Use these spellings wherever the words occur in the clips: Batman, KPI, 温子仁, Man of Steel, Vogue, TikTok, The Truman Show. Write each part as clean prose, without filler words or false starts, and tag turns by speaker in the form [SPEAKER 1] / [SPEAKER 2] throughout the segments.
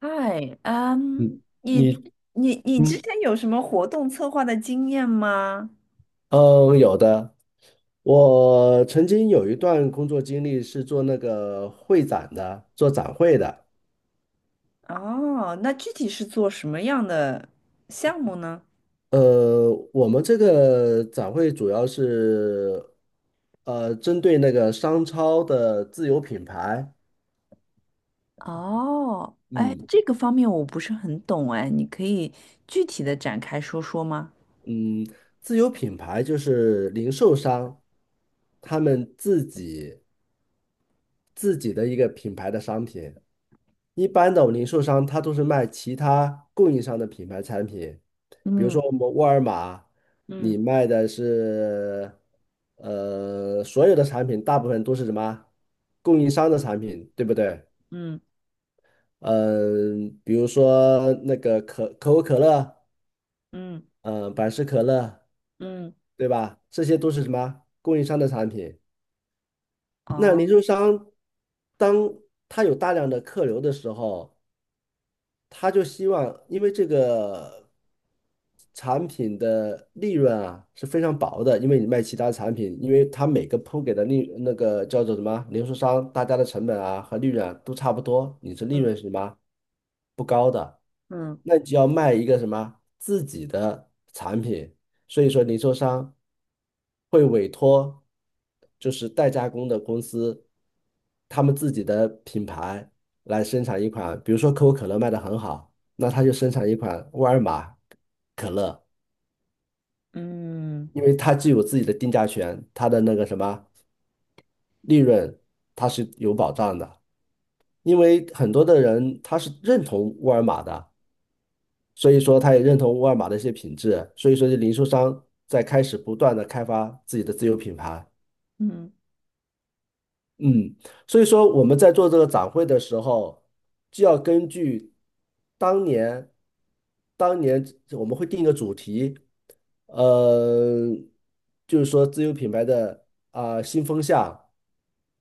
[SPEAKER 1] 嗨，
[SPEAKER 2] 嗯，
[SPEAKER 1] 你
[SPEAKER 2] 你
[SPEAKER 1] 你之
[SPEAKER 2] 嗯
[SPEAKER 1] 前有什么活动策划的经验吗？
[SPEAKER 2] 嗯，有的。我曾经有一段工作经历是做那个会展的，做展会的。
[SPEAKER 1] 哦，那具体是做什么样的项目呢？
[SPEAKER 2] 我们这个展会主要是针对那个商超的自有品牌。
[SPEAKER 1] 哦，哎，
[SPEAKER 2] 嗯
[SPEAKER 1] 这个方面我不是很懂，哎，你可以具体的展开说说吗？
[SPEAKER 2] 嗯，自有品牌就是零售商他们自己的一个品牌的商品。一般的我们零售商他都是卖其他供应商的品牌产品，比如
[SPEAKER 1] 嗯。
[SPEAKER 2] 说我们沃尔玛，
[SPEAKER 1] 嗯。
[SPEAKER 2] 你卖的是所有的产品，大部分都是什么供应商的产品，对不对？
[SPEAKER 1] 嗯。
[SPEAKER 2] 嗯、比如说那个可口可乐，
[SPEAKER 1] 嗯。
[SPEAKER 2] 嗯、百事可乐，
[SPEAKER 1] 嗯。
[SPEAKER 2] 对吧？这些都是什么供应商的产品。那
[SPEAKER 1] 哦。
[SPEAKER 2] 零售商当他有大量的客流的时候，他就希望，因为这个产品的利润啊是非常薄的，因为你卖其他产品，因为他每个铺给的那个叫做什么零售商，大家的成本啊和利润啊都差不多，你是利润是什么不高的，
[SPEAKER 1] 嗯。
[SPEAKER 2] 那你就要卖一个什么自己的产品，所以说零售商会委托就是代加工的公司，他们自己的品牌来生产一款，比如说可口可乐卖得很好，那他就生产一款沃尔玛可乐，
[SPEAKER 1] 嗯。
[SPEAKER 2] 因为它具有自己的定价权，它的那个什么利润它是有保障的，因为很多的人他是认同沃尔玛的。所以说他也认同沃尔玛的一些品质，所以说这零售商在开始不断的开发自己的自有品牌。
[SPEAKER 1] 嗯。
[SPEAKER 2] 嗯，所以说我们在做这个展会的时候，就要根据当年，当年我们会定一个主题，呃，就是说自有品牌的啊、新风向，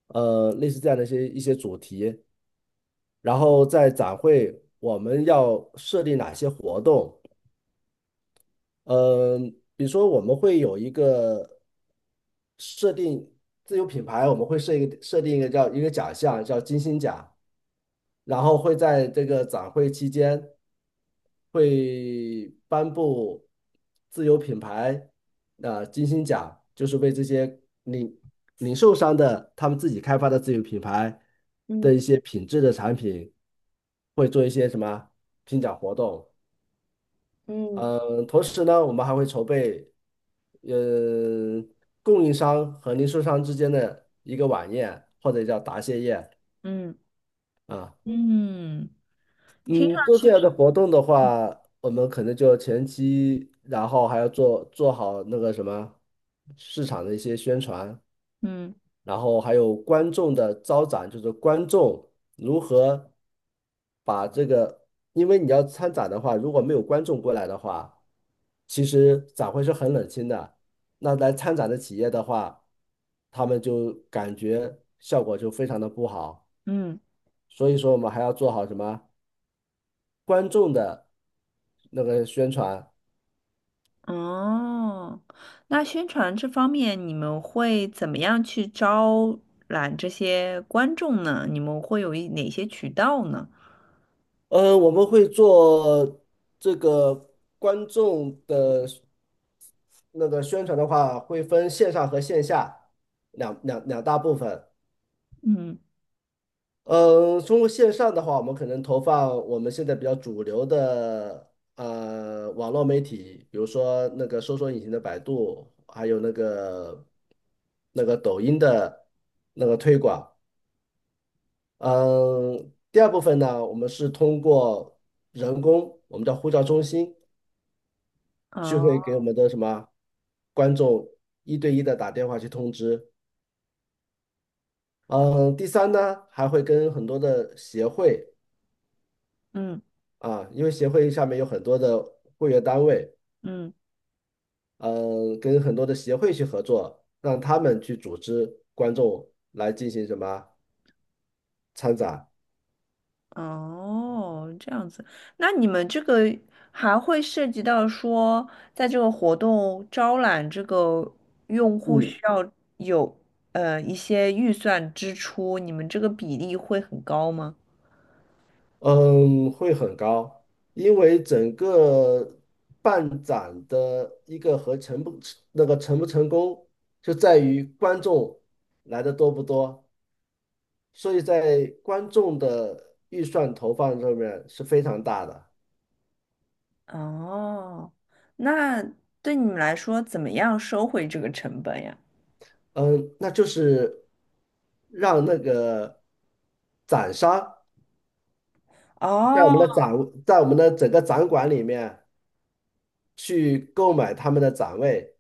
[SPEAKER 2] 类似这样的一些主题，然后在展会我们要设立哪些活动，嗯，比如说我们会有一个设定自有品牌，我们会设定一个叫一个奖项叫金星奖，然后会在这个展会期间会颁布自有品牌啊、金星奖，就是为这些零售商的他们自己开发的自有品牌的一
[SPEAKER 1] 嗯。
[SPEAKER 2] 些品质的产品，会做一些什么评奖活动。
[SPEAKER 1] 嗯。
[SPEAKER 2] 嗯，同时呢，我们还会筹备，呃，供应商和零售商之间的一个晚宴，或者叫答谢宴
[SPEAKER 1] 嗯。
[SPEAKER 2] 啊。
[SPEAKER 1] 嗯。听上
[SPEAKER 2] 嗯，做
[SPEAKER 1] 去
[SPEAKER 2] 这样
[SPEAKER 1] 是，
[SPEAKER 2] 的活动的话，我们可能就前期，然后还要做好那个什么市场的一些宣传。
[SPEAKER 1] 嗯。
[SPEAKER 2] 然后还有观众的招展，就是观众如何把这个，因为你要参展的话，如果没有观众过来的话，其实展会是很冷清的。那来参展的企业的话，他们就感觉效果就非常的不好。
[SPEAKER 1] 嗯。
[SPEAKER 2] 所以说，我们还要做好什么观众的那个宣传。
[SPEAKER 1] 哦，那宣传这方面，你们会怎么样去招揽这些观众呢？你们会有哪些渠道呢？
[SPEAKER 2] 我们会做这个观众的那个宣传的话，会分线上和线下两大部分。
[SPEAKER 1] 嗯。
[SPEAKER 2] 嗯，通过线上的话，我们可能投放我们现在比较主流的网络媒体，比如说那个搜索引擎的百度，还有那个抖音的那个推广。嗯，第二部分呢，我们是通过人工，我们叫呼叫中心，就会
[SPEAKER 1] 哦。
[SPEAKER 2] 给我们的什么观众一对一的打电话去通知。嗯，第三呢，还会跟很多的协会
[SPEAKER 1] 嗯。
[SPEAKER 2] 啊，因为协会下面有很多的会员单位，
[SPEAKER 1] 嗯。
[SPEAKER 2] 嗯，跟很多的协会去合作，让他们去组织观众来进行什么参展。
[SPEAKER 1] 哦，这样子。那你们这个还会涉及到说，在这个活动招揽这个用户需
[SPEAKER 2] 嗯
[SPEAKER 1] 要有一些预算支出，你们这个比例会很高吗？
[SPEAKER 2] 嗯，会很高，因为整个办展的一个和成不那个成不成功，就在于观众来的多不多，所以在观众的预算投放上面是非常大的。
[SPEAKER 1] 哦，那对你们来说，怎么样收回这个成本呀？
[SPEAKER 2] 嗯，那就是让那个展商在我
[SPEAKER 1] 哦，
[SPEAKER 2] 们的展，在我们的整个展馆里面去购买他们的展位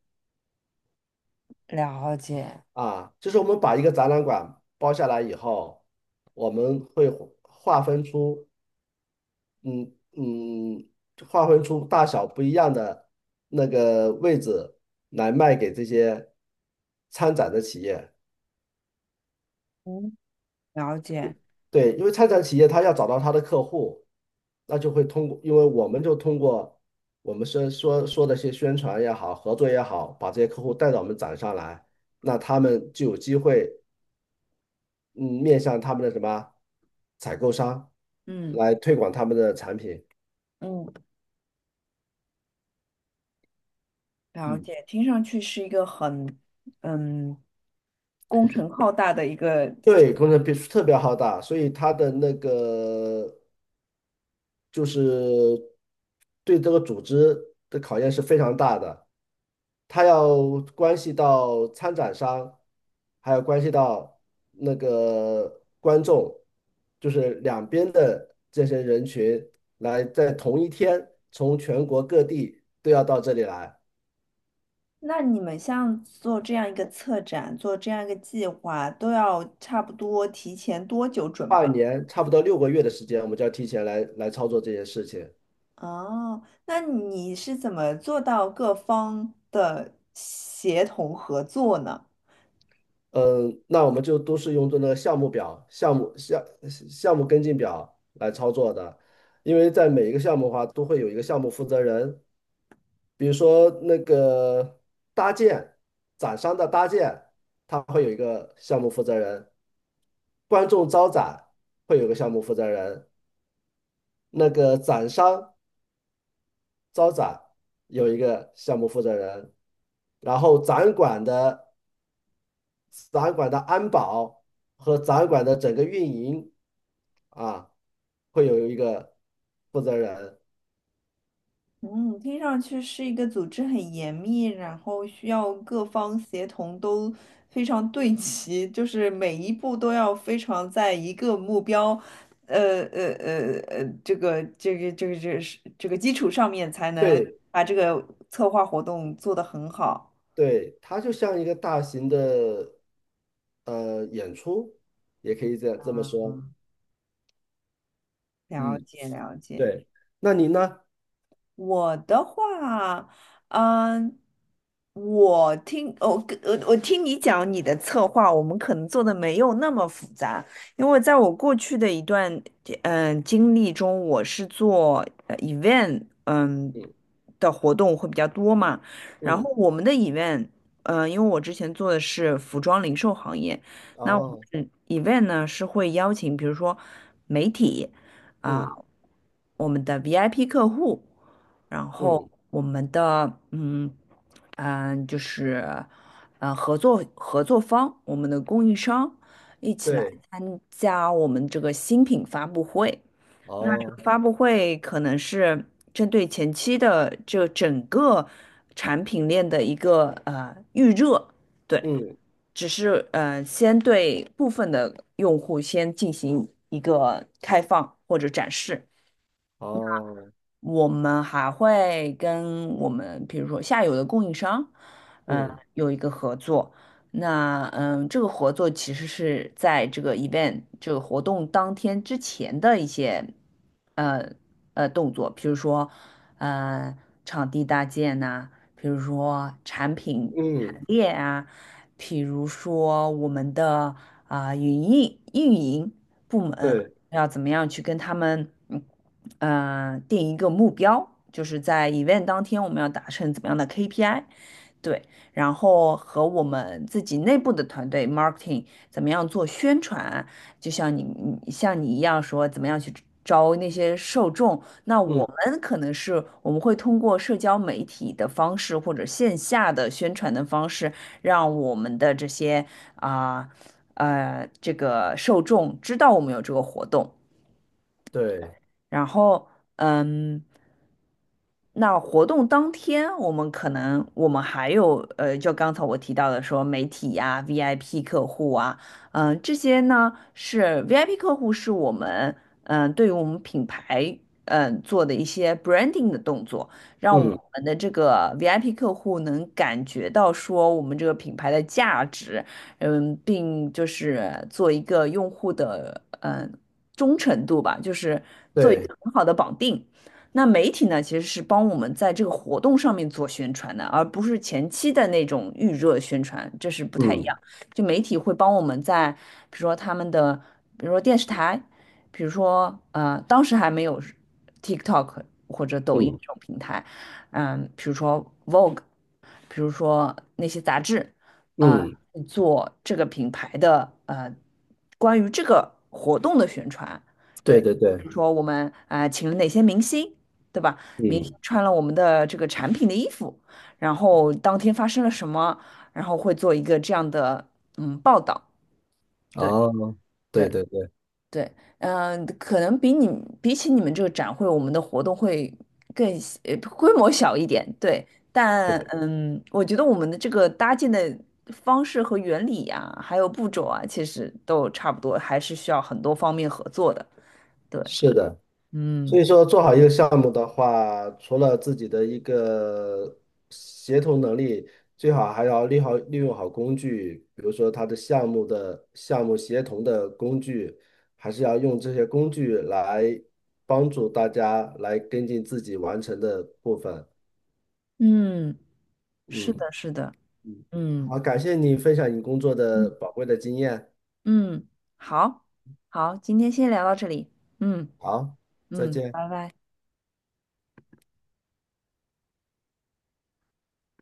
[SPEAKER 1] 了解。
[SPEAKER 2] 啊，就是我们把一个展览馆包下来以后，我们会划分出，嗯嗯，划分出大小不一样的那个位置来卖给这些参展的企业。
[SPEAKER 1] 嗯。了解。
[SPEAKER 2] 对，因为参展企业他要找到他的客户，那就会通过，因为我们就通过我们说的些宣传也好，合作也好，把这些客户带到我们展上来，那他们就有机会，嗯，面向他们的什么采购商
[SPEAKER 1] 嗯。
[SPEAKER 2] 来推广他们的产品。
[SPEAKER 1] 嗯。了
[SPEAKER 2] 嗯，
[SPEAKER 1] 解。听上去是一个很嗯工程浩大的一个这。
[SPEAKER 2] 对，工程必须特别浩大，所以他的那个就是对这个组织的考验是非常大的，它要关系到参展商，还有关系到那个观众，就是两边的这些人群来在同一天从全国各地都要到这里来，
[SPEAKER 1] 那你们像做这样一个策展，做这样一个计划，都要差不多提前多久准备？
[SPEAKER 2] 半年差不多六个月的时间，我们就要提前来操作这些事情。
[SPEAKER 1] 哦，那你是怎么做到各方的协同合作呢？
[SPEAKER 2] 嗯，那我们就都是用这个项目表、项目跟进表来操作的，因为在每一个项目的话，都会有一个项目负责人，比如说那个搭建展商的搭建，他会有一个项目负责人；观众招展会有个项目负责人，那个展商招展有一个项目负责人，然后展览馆的安保和展览馆的整个运营啊，会有一个负责人。
[SPEAKER 1] 嗯，听上去是一个组织很严密，然后需要各方协同都非常对齐，就是每一步都要非常在一个目标，这个是这个基础上面才能
[SPEAKER 2] 对
[SPEAKER 1] 把这个策划活动做得很好。
[SPEAKER 2] 对，它就像一个大型的演出，也可以这么说。
[SPEAKER 1] 了
[SPEAKER 2] 嗯，
[SPEAKER 1] 解了解。
[SPEAKER 2] 对。那您呢？
[SPEAKER 1] 我的话，嗯，我听我跟我我听你讲你的策划，我们可能做的没有那么复杂，因为在我过去的一段经历中，我是做event
[SPEAKER 2] 嗯
[SPEAKER 1] 的活动会比较多嘛，然后
[SPEAKER 2] 嗯，
[SPEAKER 1] 我们的 event 因为我之前做的是服装零售行业，那我
[SPEAKER 2] 哦，
[SPEAKER 1] 们 event 呢是会邀请比如说媒体。啊、
[SPEAKER 2] 嗯
[SPEAKER 1] 我们的 VIP 客户，然后
[SPEAKER 2] 嗯，
[SPEAKER 1] 我们的嗯嗯、就是合作方，我们的供应商一起来
[SPEAKER 2] 对，
[SPEAKER 1] 参加我们这个新品发布会。那这
[SPEAKER 2] 哦，
[SPEAKER 1] 个发布会可能是针对前期的这整个产品链的一个预热，对，
[SPEAKER 2] 嗯
[SPEAKER 1] 只是先对部分的用户先进行一个开放或者展示。
[SPEAKER 2] 哦，
[SPEAKER 1] 我们还会跟我们，比如说下游的供应商，嗯、
[SPEAKER 2] 嗯
[SPEAKER 1] 有一个合作。那这个合作其实是在这个 event 这个活动当天之前的一些呃动作，比如说呃场地搭建呐、比如说产品陈
[SPEAKER 2] 嗯，
[SPEAKER 1] 列啊，比如说我们的啊、运营。部门。
[SPEAKER 2] 对，
[SPEAKER 1] 要怎么样去跟他们，嗯，定一个目标，就是在 event 当天我们要达成怎么样的 KPI，对，然后和我们自己内部的团队 marketing 怎么样做宣传，就像你一样说怎么样去招那些受众，那我
[SPEAKER 2] 嗯
[SPEAKER 1] 们可能是我们会通过社交媒体的方式或者线下的宣传的方式，让我们的这些啊。这个受众知道我们有这个活动，
[SPEAKER 2] 对，
[SPEAKER 1] 然后嗯，那活动当天，我们还有，就刚才我提到的说媒体呀、VIP 客户啊，这些呢是 VIP 客户是我们对于我们品牌做的一些 branding 的动作，让我
[SPEAKER 2] 嗯
[SPEAKER 1] 们的这个 VIP 客户能感觉到说我们这个品牌的价值，嗯，并就是做一个用户的忠诚度吧，就是做一
[SPEAKER 2] 对，
[SPEAKER 1] 个很好的绑定。那媒体呢，其实是帮我们在这个活动上面做宣传的，而不是前期的那种预热宣传，这是不太一
[SPEAKER 2] 嗯
[SPEAKER 1] 样。就媒体会帮我们在，比如说他们的，比如说电视台，比如说当时还没有 TikTok 或者抖音
[SPEAKER 2] 嗯
[SPEAKER 1] 这种平台，嗯、比如说 Vogue，比如说那些杂志，呃，
[SPEAKER 2] 嗯，
[SPEAKER 1] 做这个品牌的关于这个活动的宣传，对，
[SPEAKER 2] 对对
[SPEAKER 1] 比
[SPEAKER 2] 对，
[SPEAKER 1] 如说我们啊、请了哪些明星。对吧？明星
[SPEAKER 2] 嗯。
[SPEAKER 1] 穿了我们的这个产品的衣服，然后当天发生了什么，然后会做一个这样的嗯报道。对
[SPEAKER 2] 哦，
[SPEAKER 1] 对
[SPEAKER 2] 对对对，
[SPEAKER 1] 对，嗯、可能比起你们这个展会，我们的活动会更小规模小一点。对，
[SPEAKER 2] 对
[SPEAKER 1] 但
[SPEAKER 2] 的，
[SPEAKER 1] 嗯，我觉得我们的这个搭建的方式和原理呀、还有步骤啊，其实都差不多，还是需要很多方面合作的。对，
[SPEAKER 2] 是的。所
[SPEAKER 1] 嗯。
[SPEAKER 2] 以说，做好一个项目的话，除了自己的一个协同能力，最好还要利用好工具，比如说它的项目协同的工具，还是要用这些工具来帮助大家来跟进自己完成的部分。
[SPEAKER 1] 嗯，是
[SPEAKER 2] 嗯
[SPEAKER 1] 的，是的，
[SPEAKER 2] 嗯，
[SPEAKER 1] 嗯。
[SPEAKER 2] 好，感谢你分享你工作的宝贵的经验。
[SPEAKER 1] 嗯，好，好，今天先聊到这里。嗯。
[SPEAKER 2] 好，再
[SPEAKER 1] 嗯，
[SPEAKER 2] 见。
[SPEAKER 1] 拜拜。